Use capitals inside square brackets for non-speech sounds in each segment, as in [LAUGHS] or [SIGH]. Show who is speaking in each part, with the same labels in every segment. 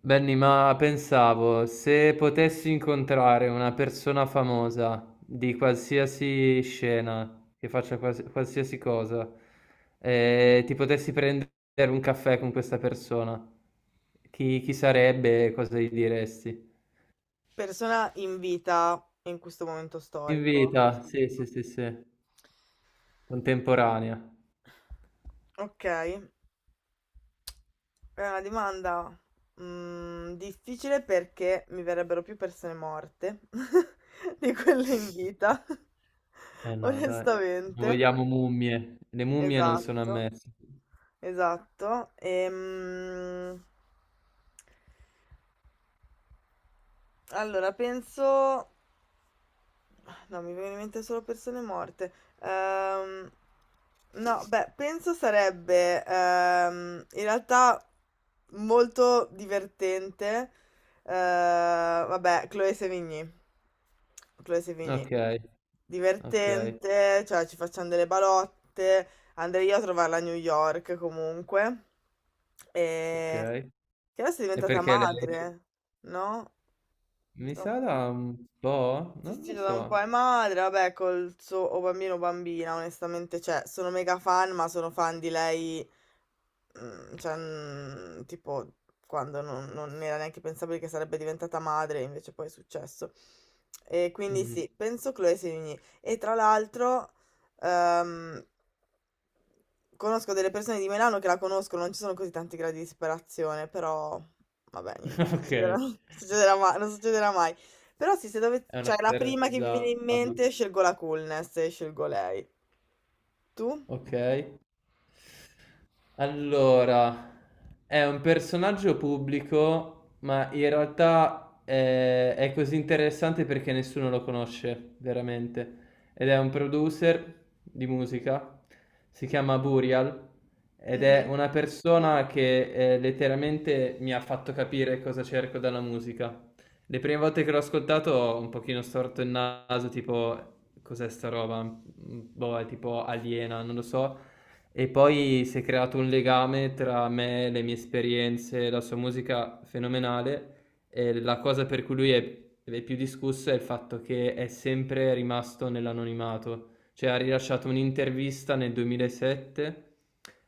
Speaker 1: Benny, ma pensavo, se potessi incontrare una persona famosa di qualsiasi scena, che faccia qualsiasi cosa, e ti potessi prendere un caffè con questa persona, chi sarebbe e cosa gli diresti?
Speaker 2: Persona in vita in questo momento
Speaker 1: In
Speaker 2: storico.
Speaker 1: vita, sì, contemporanea.
Speaker 2: Ok, è una domanda difficile perché mi verrebbero più persone morte [LAUGHS] di quelle in vita,
Speaker 1: Eh
Speaker 2: [LAUGHS]
Speaker 1: no, dai, non
Speaker 2: onestamente.
Speaker 1: vogliamo mummie, le mummie non sono
Speaker 2: Esatto,
Speaker 1: ammesse.
Speaker 2: esatto. Allora, penso No, mi viene in mente solo persone morte. Ehm, no, beh, penso sarebbe in realtà molto divertente. Eh, Vabbè, Chloe Sevigny. Chloe Sevigny.
Speaker 1: Ok, ok,
Speaker 2: Divertente, cioè ci facciamo delle balotte, andrei io a trovarla a New York comunque.
Speaker 1: ok.
Speaker 2: E... che adesso è
Speaker 1: E
Speaker 2: diventata
Speaker 1: perché lei?
Speaker 2: madre, no?
Speaker 1: Mi
Speaker 2: Da un
Speaker 1: sa da
Speaker 2: po'.
Speaker 1: un po'?
Speaker 2: Sì,
Speaker 1: Non
Speaker 2: sì,
Speaker 1: lo
Speaker 2: da
Speaker 1: so.
Speaker 2: un po' è madre, vabbè, col suo o bambino o bambina, onestamente, cioè, sono mega fan, ma sono fan di lei, tipo, quando non era neanche pensabile che sarebbe diventata madre, invece poi è successo. E quindi
Speaker 1: Mm.
Speaker 2: sì, penso Chloe Sevigny. E tra l'altro, Ehm, conosco delle persone di Milano che la conoscono, non ci sono così tanti gradi di disperazione, però vabbè, niente,
Speaker 1: [LAUGHS]
Speaker 2: non
Speaker 1: Ok,
Speaker 2: succederà, [LAUGHS]
Speaker 1: è
Speaker 2: non succederà mai, non succederà mai. Però sì, se dove,
Speaker 1: una
Speaker 2: cioè
Speaker 1: cosa
Speaker 2: la prima che vi viene in
Speaker 1: realizzabile.
Speaker 2: mente, scelgo la coolness e scelgo lei. Tu?
Speaker 1: Ok. Allora, è un personaggio pubblico, ma in realtà è così interessante perché nessuno lo conosce veramente. Ed è un producer di musica, si chiama Burial, ed è
Speaker 2: Mhm.
Speaker 1: una persona che letteralmente mi ha fatto capire cosa cerco dalla musica. Le prime volte che l'ho ascoltato ho un pochino storto il naso, tipo, cos'è sta roba? Boh, è tipo aliena, non lo so. E poi si è creato un legame tra me, le mie esperienze, la sua musica fenomenale. E la cosa per cui è più discusso è il fatto che è sempre rimasto nell'anonimato. Cioè ha rilasciato un'intervista nel 2007,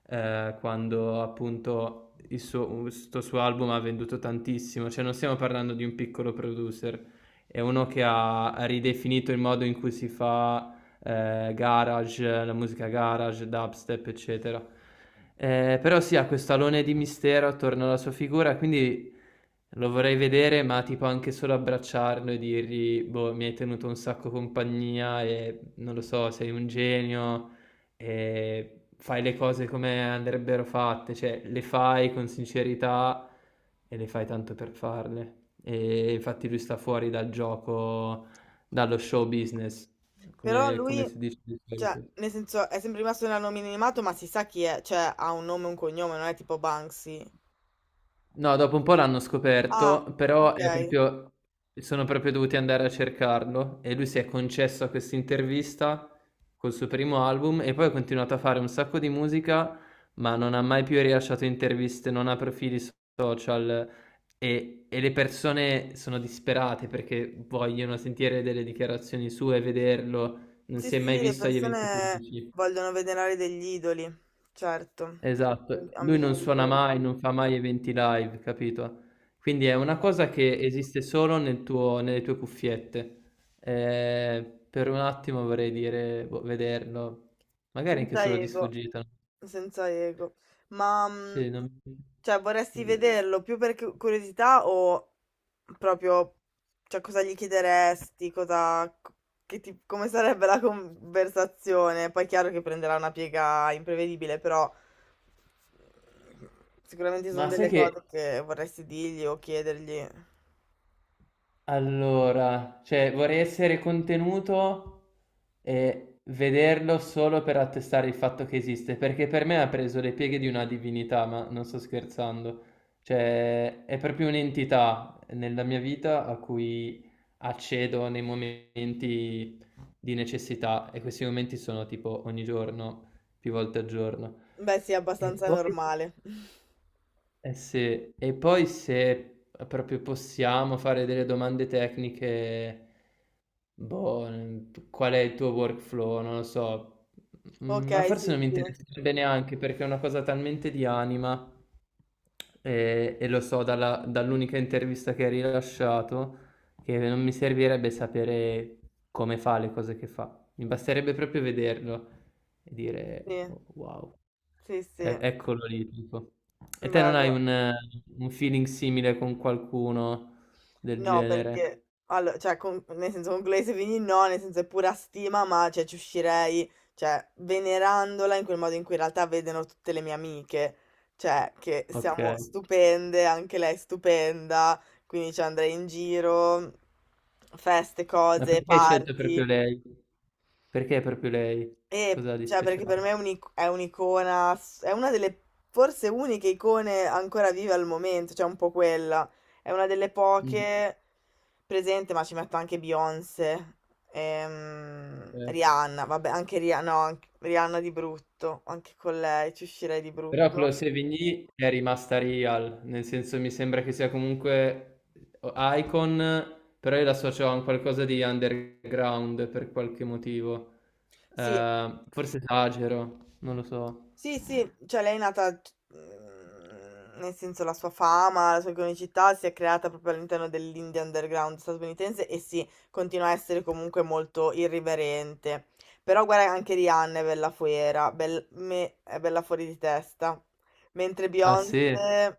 Speaker 1: quando appunto questo suo album ha venduto tantissimo. Cioè non stiamo parlando di un piccolo producer, è uno che ha ridefinito il modo in cui si fa garage, la musica garage, dubstep, eccetera. Però sì, ha questo alone di mistero attorno alla sua figura, quindi lo vorrei vedere, ma tipo anche solo abbracciarlo e dirgli, boh, mi hai tenuto un sacco compagnia e non lo so, sei un genio e fai le cose come andrebbero fatte, cioè le fai con sincerità e le fai tanto per farle. E infatti lui sta fuori dal gioco, dallo show business.
Speaker 2: Però
Speaker 1: Come
Speaker 2: lui,
Speaker 1: si dice di
Speaker 2: cioè,
Speaker 1: solito.
Speaker 2: nel senso, è sempre rimasto nella nomina animato, ma si sa chi è, cioè, ha un nome e un cognome, non è tipo Banksy.
Speaker 1: No, dopo un po' l'hanno
Speaker 2: Ah,
Speaker 1: scoperto, però
Speaker 2: ok.
Speaker 1: è proprio sono proprio dovuti andare a cercarlo e lui si è concesso a questa intervista col suo primo album e poi ha continuato a fare un sacco di musica, ma non ha mai più rilasciato interviste, non ha profili social e le persone sono disperate perché vogliono sentire delle dichiarazioni sue, vederlo, non
Speaker 2: Sì,
Speaker 1: si è
Speaker 2: sì,
Speaker 1: mai
Speaker 2: le
Speaker 1: visto agli eventi
Speaker 2: persone
Speaker 1: pubblici.
Speaker 2: vogliono venerare degli idoli, certo,
Speaker 1: Esatto.
Speaker 2: hanno
Speaker 1: Lui non
Speaker 2: bisogno di
Speaker 1: suona
Speaker 2: quello,
Speaker 1: mai, non fa mai eventi live, capito? Quindi è una
Speaker 2: ok.
Speaker 1: cosa che esiste solo nelle tue cuffiette. Per un attimo vorrei dire, boh, vederlo. Magari anche
Speaker 2: Senza
Speaker 1: solo di
Speaker 2: ego,
Speaker 1: sfuggita. No?
Speaker 2: senza ego. Ma,
Speaker 1: Sì, non
Speaker 2: cioè, vorresti
Speaker 1: così.
Speaker 2: vederlo più per curiosità o proprio, cioè, cosa gli chiederesti, cosa, come sarebbe la conversazione? Poi è chiaro che prenderà una piega imprevedibile, però mm, sicuramente ci sono
Speaker 1: Ma sai
Speaker 2: delle cose
Speaker 1: che
Speaker 2: che vorresti dirgli o chiedergli.
Speaker 1: Allora, cioè vorrei essere contenuto e vederlo solo per attestare il fatto che esiste, perché per me ha preso le pieghe di una divinità, ma non sto scherzando. Cioè, è proprio un'entità nella mia vita a cui accedo nei momenti di necessità e questi momenti sono tipo ogni giorno, più volte al giorno.
Speaker 2: Beh, sì, è
Speaker 1: E
Speaker 2: abbastanza
Speaker 1: poi
Speaker 2: normale. [LAUGHS]
Speaker 1: eh sì, e poi se proprio possiamo fare delle domande tecniche, boh, qual è il tuo workflow? Non lo so,
Speaker 2: Ok.
Speaker 1: ma
Speaker 2: Mhm.
Speaker 1: forse
Speaker 2: Sì,
Speaker 1: non mi
Speaker 2: sì,
Speaker 1: interesserebbe neanche perché è una cosa talmente di anima e lo so dall'unica intervista che hai rilasciato che non mi servirebbe sapere come fa le cose che fa, mi basterebbe proprio vederlo e dire
Speaker 2: sì,
Speaker 1: "Oh, wow.
Speaker 2: sì,
Speaker 1: E
Speaker 2: sì,
Speaker 1: eccolo lì, tipo. E te non hai
Speaker 2: bello.
Speaker 1: un feeling simile con qualcuno del
Speaker 2: No,
Speaker 1: genere?
Speaker 2: perché, allora, cioè, nel senso, con Glace Vini no, nel senso è pura stima, ma, cioè, ci uscirei, cioè, venerandola in quel modo in cui in realtà vedono tutte le mie amiche, cioè, che siamo
Speaker 1: Okay.
Speaker 2: stupende, anche lei è stupenda, quindi, cioè, andrei in giro, feste,
Speaker 1: Ma
Speaker 2: cose,
Speaker 1: perché hai scelto proprio
Speaker 2: party.
Speaker 1: lei? Perché proprio lei? Cos'ha di
Speaker 2: Cioè, perché per
Speaker 1: speciale?
Speaker 2: me è è un'icona, è una delle forse uniche icone ancora vive al momento, cioè un po' quella. È una delle
Speaker 1: Mh,
Speaker 2: poche presente, ma ci metto anche Beyoncé,
Speaker 1: okay.
Speaker 2: Rihanna, vabbè, anche Rihanna, no, anche- Rihanna di brutto, anche con lei ci uscirei di
Speaker 1: Però
Speaker 2: brutto.
Speaker 1: Clos et Vigny è rimasta real, nel senso mi sembra che sia comunque o Icon, però io l'associo a un qualcosa di underground per qualche motivo.
Speaker 2: Sì,
Speaker 1: Forse esagero, non lo so.
Speaker 2: sì, sì, cioè lei è nata, nel senso la sua fama, la sua iconicità si è creata proprio all'interno dell'indie underground statunitense e sì, continua a essere comunque molto irriverente. Però guarda anche Rihanna è bella fuera, è bella fuori di testa. Mentre
Speaker 1: Ah sì?
Speaker 2: Beyoncé,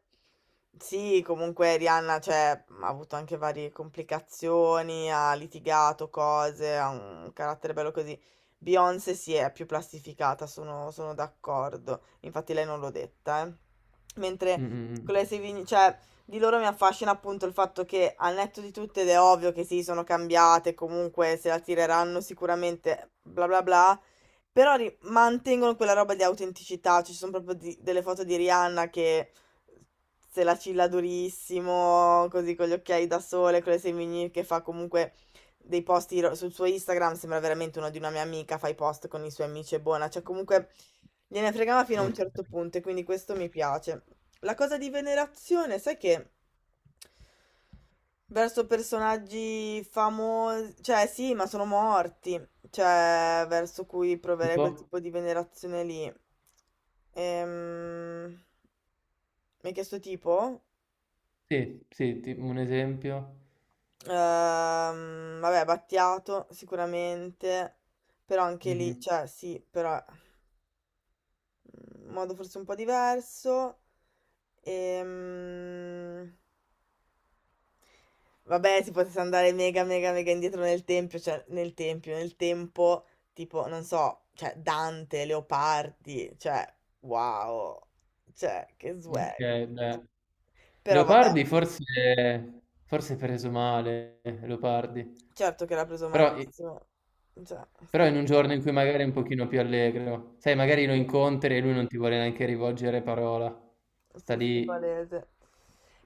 Speaker 2: sì, comunque Rihanna cioè, ha avuto anche varie complicazioni, ha litigato cose, ha un carattere bello così. Beyoncé si è più plastificata, sono d'accordo. Infatti lei non l'ho detta, eh.
Speaker 1: Mh,
Speaker 2: Mentre
Speaker 1: mh, mh.
Speaker 2: con le Savini, cioè, di loro mi affascina appunto il fatto che al netto di tutto, ed è ovvio che sì, sono cambiate, comunque se la tireranno sicuramente, bla bla bla, però mantengono quella roba di autenticità, ci sono proprio delle foto di Rihanna che se la cilla durissimo, così con gli occhiali da sole, con le semini che fa comunque dei sul suo Instagram, sembra veramente uno di una mia amica, fa i post con i suoi amici, è buona, cioè comunque gliene fregava fino a un
Speaker 1: Okay,
Speaker 2: certo punto e quindi questo mi piace. La cosa di venerazione, sai che verso personaggi famosi, cioè sì, ma sono morti cioè verso cui proverei quel
Speaker 1: tipo?
Speaker 2: tipo di venerazione lì. Ehm, mi hai chiesto tipo?
Speaker 1: Sì, ti un esempio.
Speaker 2: Vabbè, Battiato sicuramente, però anche lì,
Speaker 1: Mh-mh.
Speaker 2: cioè sì, però in modo forse un po' diverso. Ehm, Vabbè, si potesse andare mega, mega, mega indietro nel tempio, cioè nel tempio, nel tempo, tipo, non so, cioè Dante, Leopardi, cioè, wow, cioè, che swag.
Speaker 1: Okay, beh.
Speaker 2: Però vabbè,
Speaker 1: Leopardi forse è preso male, Leopardi,
Speaker 2: certo che l'ha preso
Speaker 1: però i
Speaker 2: malissimo, cioè,
Speaker 1: però
Speaker 2: stava
Speaker 1: in
Speaker 2: di
Speaker 1: un giorno
Speaker 2: merda.
Speaker 1: in cui magari è un pochino più allegro. Sai, magari lo incontri e lui non ti vuole neanche rivolgere parola. Sta
Speaker 2: Sì, sì,
Speaker 1: lì
Speaker 2: palese.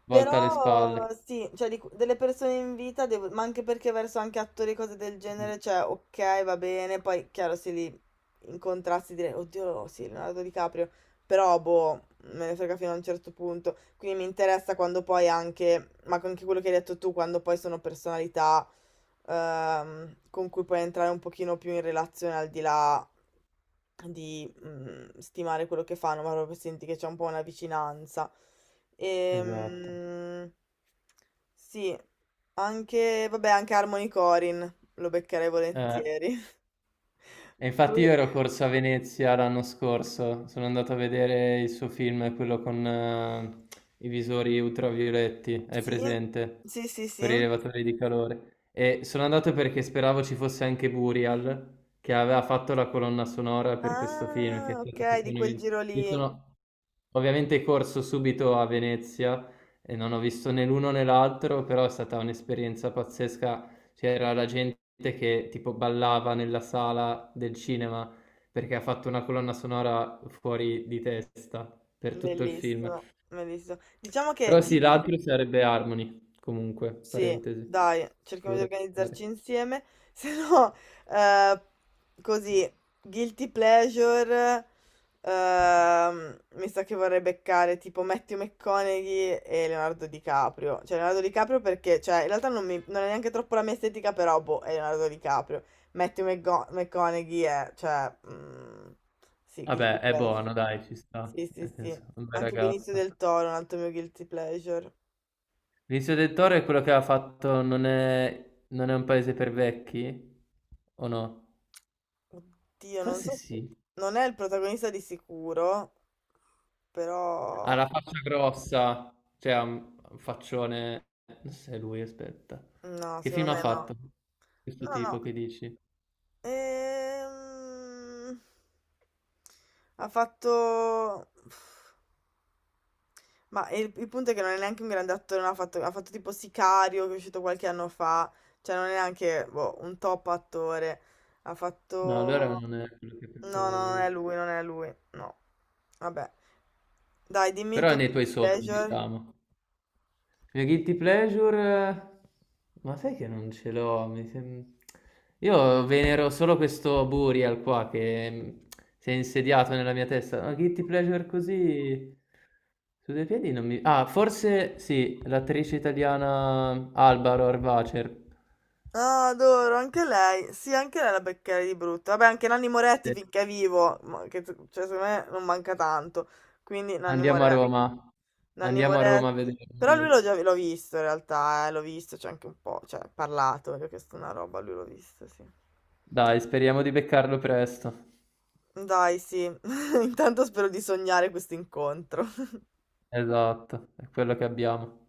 Speaker 1: volta alle
Speaker 2: Però
Speaker 1: spalle.
Speaker 2: sì, cioè di delle persone in vita, ma anche perché verso anche attori e cose del
Speaker 1: Mh,
Speaker 2: genere, cioè ok, va bene, poi chiaro se li incontrassi direi, oddio, sì, Leonardo DiCaprio, però boh, me ne frega fino a un certo punto, quindi mi interessa quando poi anche, ma anche quello che hai detto tu, quando poi sono personalità con cui puoi entrare un pochino più in relazione al di là di stimare quello che fanno, ma proprio senti che c'è un po' una vicinanza.
Speaker 1: esatto.
Speaker 2: Ehm, sì, anche, vabbè, anche Harmony Corin lo beccherei
Speaker 1: Eh.
Speaker 2: volentieri.
Speaker 1: E infatti io
Speaker 2: [LAUGHS]
Speaker 1: ero corso a Venezia l'anno scorso, sono andato a vedere il suo film, quello con i visori ultravioletti, hai
Speaker 2: Sì,
Speaker 1: presente?
Speaker 2: sì, sì,
Speaker 1: Con i
Speaker 2: sì.
Speaker 1: rilevatori di calore. E sono andato perché speravo ci fosse anche Burial, che aveva fatto la colonna sonora per questo film, che è
Speaker 2: Ah, ok,
Speaker 1: stato tipo
Speaker 2: di
Speaker 1: un
Speaker 2: quel
Speaker 1: evento-
Speaker 2: giro
Speaker 1: Io
Speaker 2: lì.
Speaker 1: sono ovviamente corso subito a Venezia e non ho visto né l'uno né l'altro, però è stata un'esperienza pazzesca c'era la gente che tipo ballava nella sala del cinema perché ha fatto una colonna sonora fuori di testa per tutto il film.
Speaker 2: Bellissimo, bellissimo. Diciamo che
Speaker 1: Però sì,
Speaker 2: Guilty,
Speaker 1: l'altro sarebbe Harmony, comunque,
Speaker 2: sì,
Speaker 1: parentesi,
Speaker 2: dai,
Speaker 1: che
Speaker 2: cerchiamo di
Speaker 1: vorrei fare.
Speaker 2: organizzarci insieme, [LAUGHS] se no, eh, così, guilty pleasure, mi sa che vorrei beccare tipo Matthew McConaughey e Leonardo DiCaprio, cioè Leonardo DiCaprio perché, cioè, in realtà non, non è neanche troppo la mia estetica, però, boh, è Leonardo DiCaprio, McConaughey è, cioè, sì, guilty
Speaker 1: Vabbè, è
Speaker 2: pleasure,
Speaker 1: buono, dai, ci sta.
Speaker 2: sì, sì,
Speaker 1: Nel senso,
Speaker 2: sì,
Speaker 1: è un bel
Speaker 2: anche Benicio
Speaker 1: ragazzo.
Speaker 2: del Toro, è un altro mio guilty pleasure.
Speaker 1: Vizio del Toro è quello che ha fatto non è un paese per vecchi? O no?
Speaker 2: Oddio, non
Speaker 1: Forse
Speaker 2: so se...
Speaker 1: sì.
Speaker 2: Non è il protagonista di sicuro,
Speaker 1: Ha
Speaker 2: però...
Speaker 1: la faccia grossa, cioè ha un faccione. Non so se è lui, aspetta.
Speaker 2: No,
Speaker 1: Che
Speaker 2: secondo
Speaker 1: film ha
Speaker 2: me no.
Speaker 1: fatto questo
Speaker 2: No,
Speaker 1: tipo
Speaker 2: no.
Speaker 1: che dici?
Speaker 2: Ehm... Ha fatto... Ma il punto è che non è neanche un grande attore, non ha fatto, ha fatto tipo Sicario, che è uscito qualche anno fa, cioè non è neanche boh, un top attore. Ha
Speaker 1: No, allora
Speaker 2: fatto...
Speaker 1: non è quello che
Speaker 2: No,
Speaker 1: pensavo
Speaker 2: no, non è
Speaker 1: io.
Speaker 2: lui, non è lui, no. Vabbè. Dai, dimmi il
Speaker 1: Però è
Speaker 2: tuo
Speaker 1: nei tuoi
Speaker 2: guilty
Speaker 1: sogni,
Speaker 2: pleasure.
Speaker 1: diciamo. Il mio guilty pleasure? Ma sai che non ce l'ho? Io venero solo questo Burial qua che si è insediato nella mia testa. Ma guilty pleasure così su due piedi non mi... Ah, forse sì, l'attrice italiana Alba Rohrwacher.
Speaker 2: Ah, adoro, anche lei. Sì, anche lei la beccherai di brutto. Vabbè, anche Nanni Moretti
Speaker 1: Sì.
Speaker 2: finché è vivo, ma che, cioè, secondo me non manca tanto. Quindi Nanni
Speaker 1: Andiamo a
Speaker 2: Moretti.
Speaker 1: Roma.
Speaker 2: Nanni
Speaker 1: Andiamo a Roma a
Speaker 2: Moretti.
Speaker 1: vederlo.
Speaker 2: Però lui l'ho già l'ho visto in realtà, l'ho visto, c'è anche un po', cioè, parlato, gli ho chiesto una roba, lui l'ho visto, sì.
Speaker 1: Dai, speriamo di beccarlo presto.
Speaker 2: Dai, sì. [LAUGHS] Intanto spero di sognare questo incontro.
Speaker 1: Esatto, è quello che abbiamo.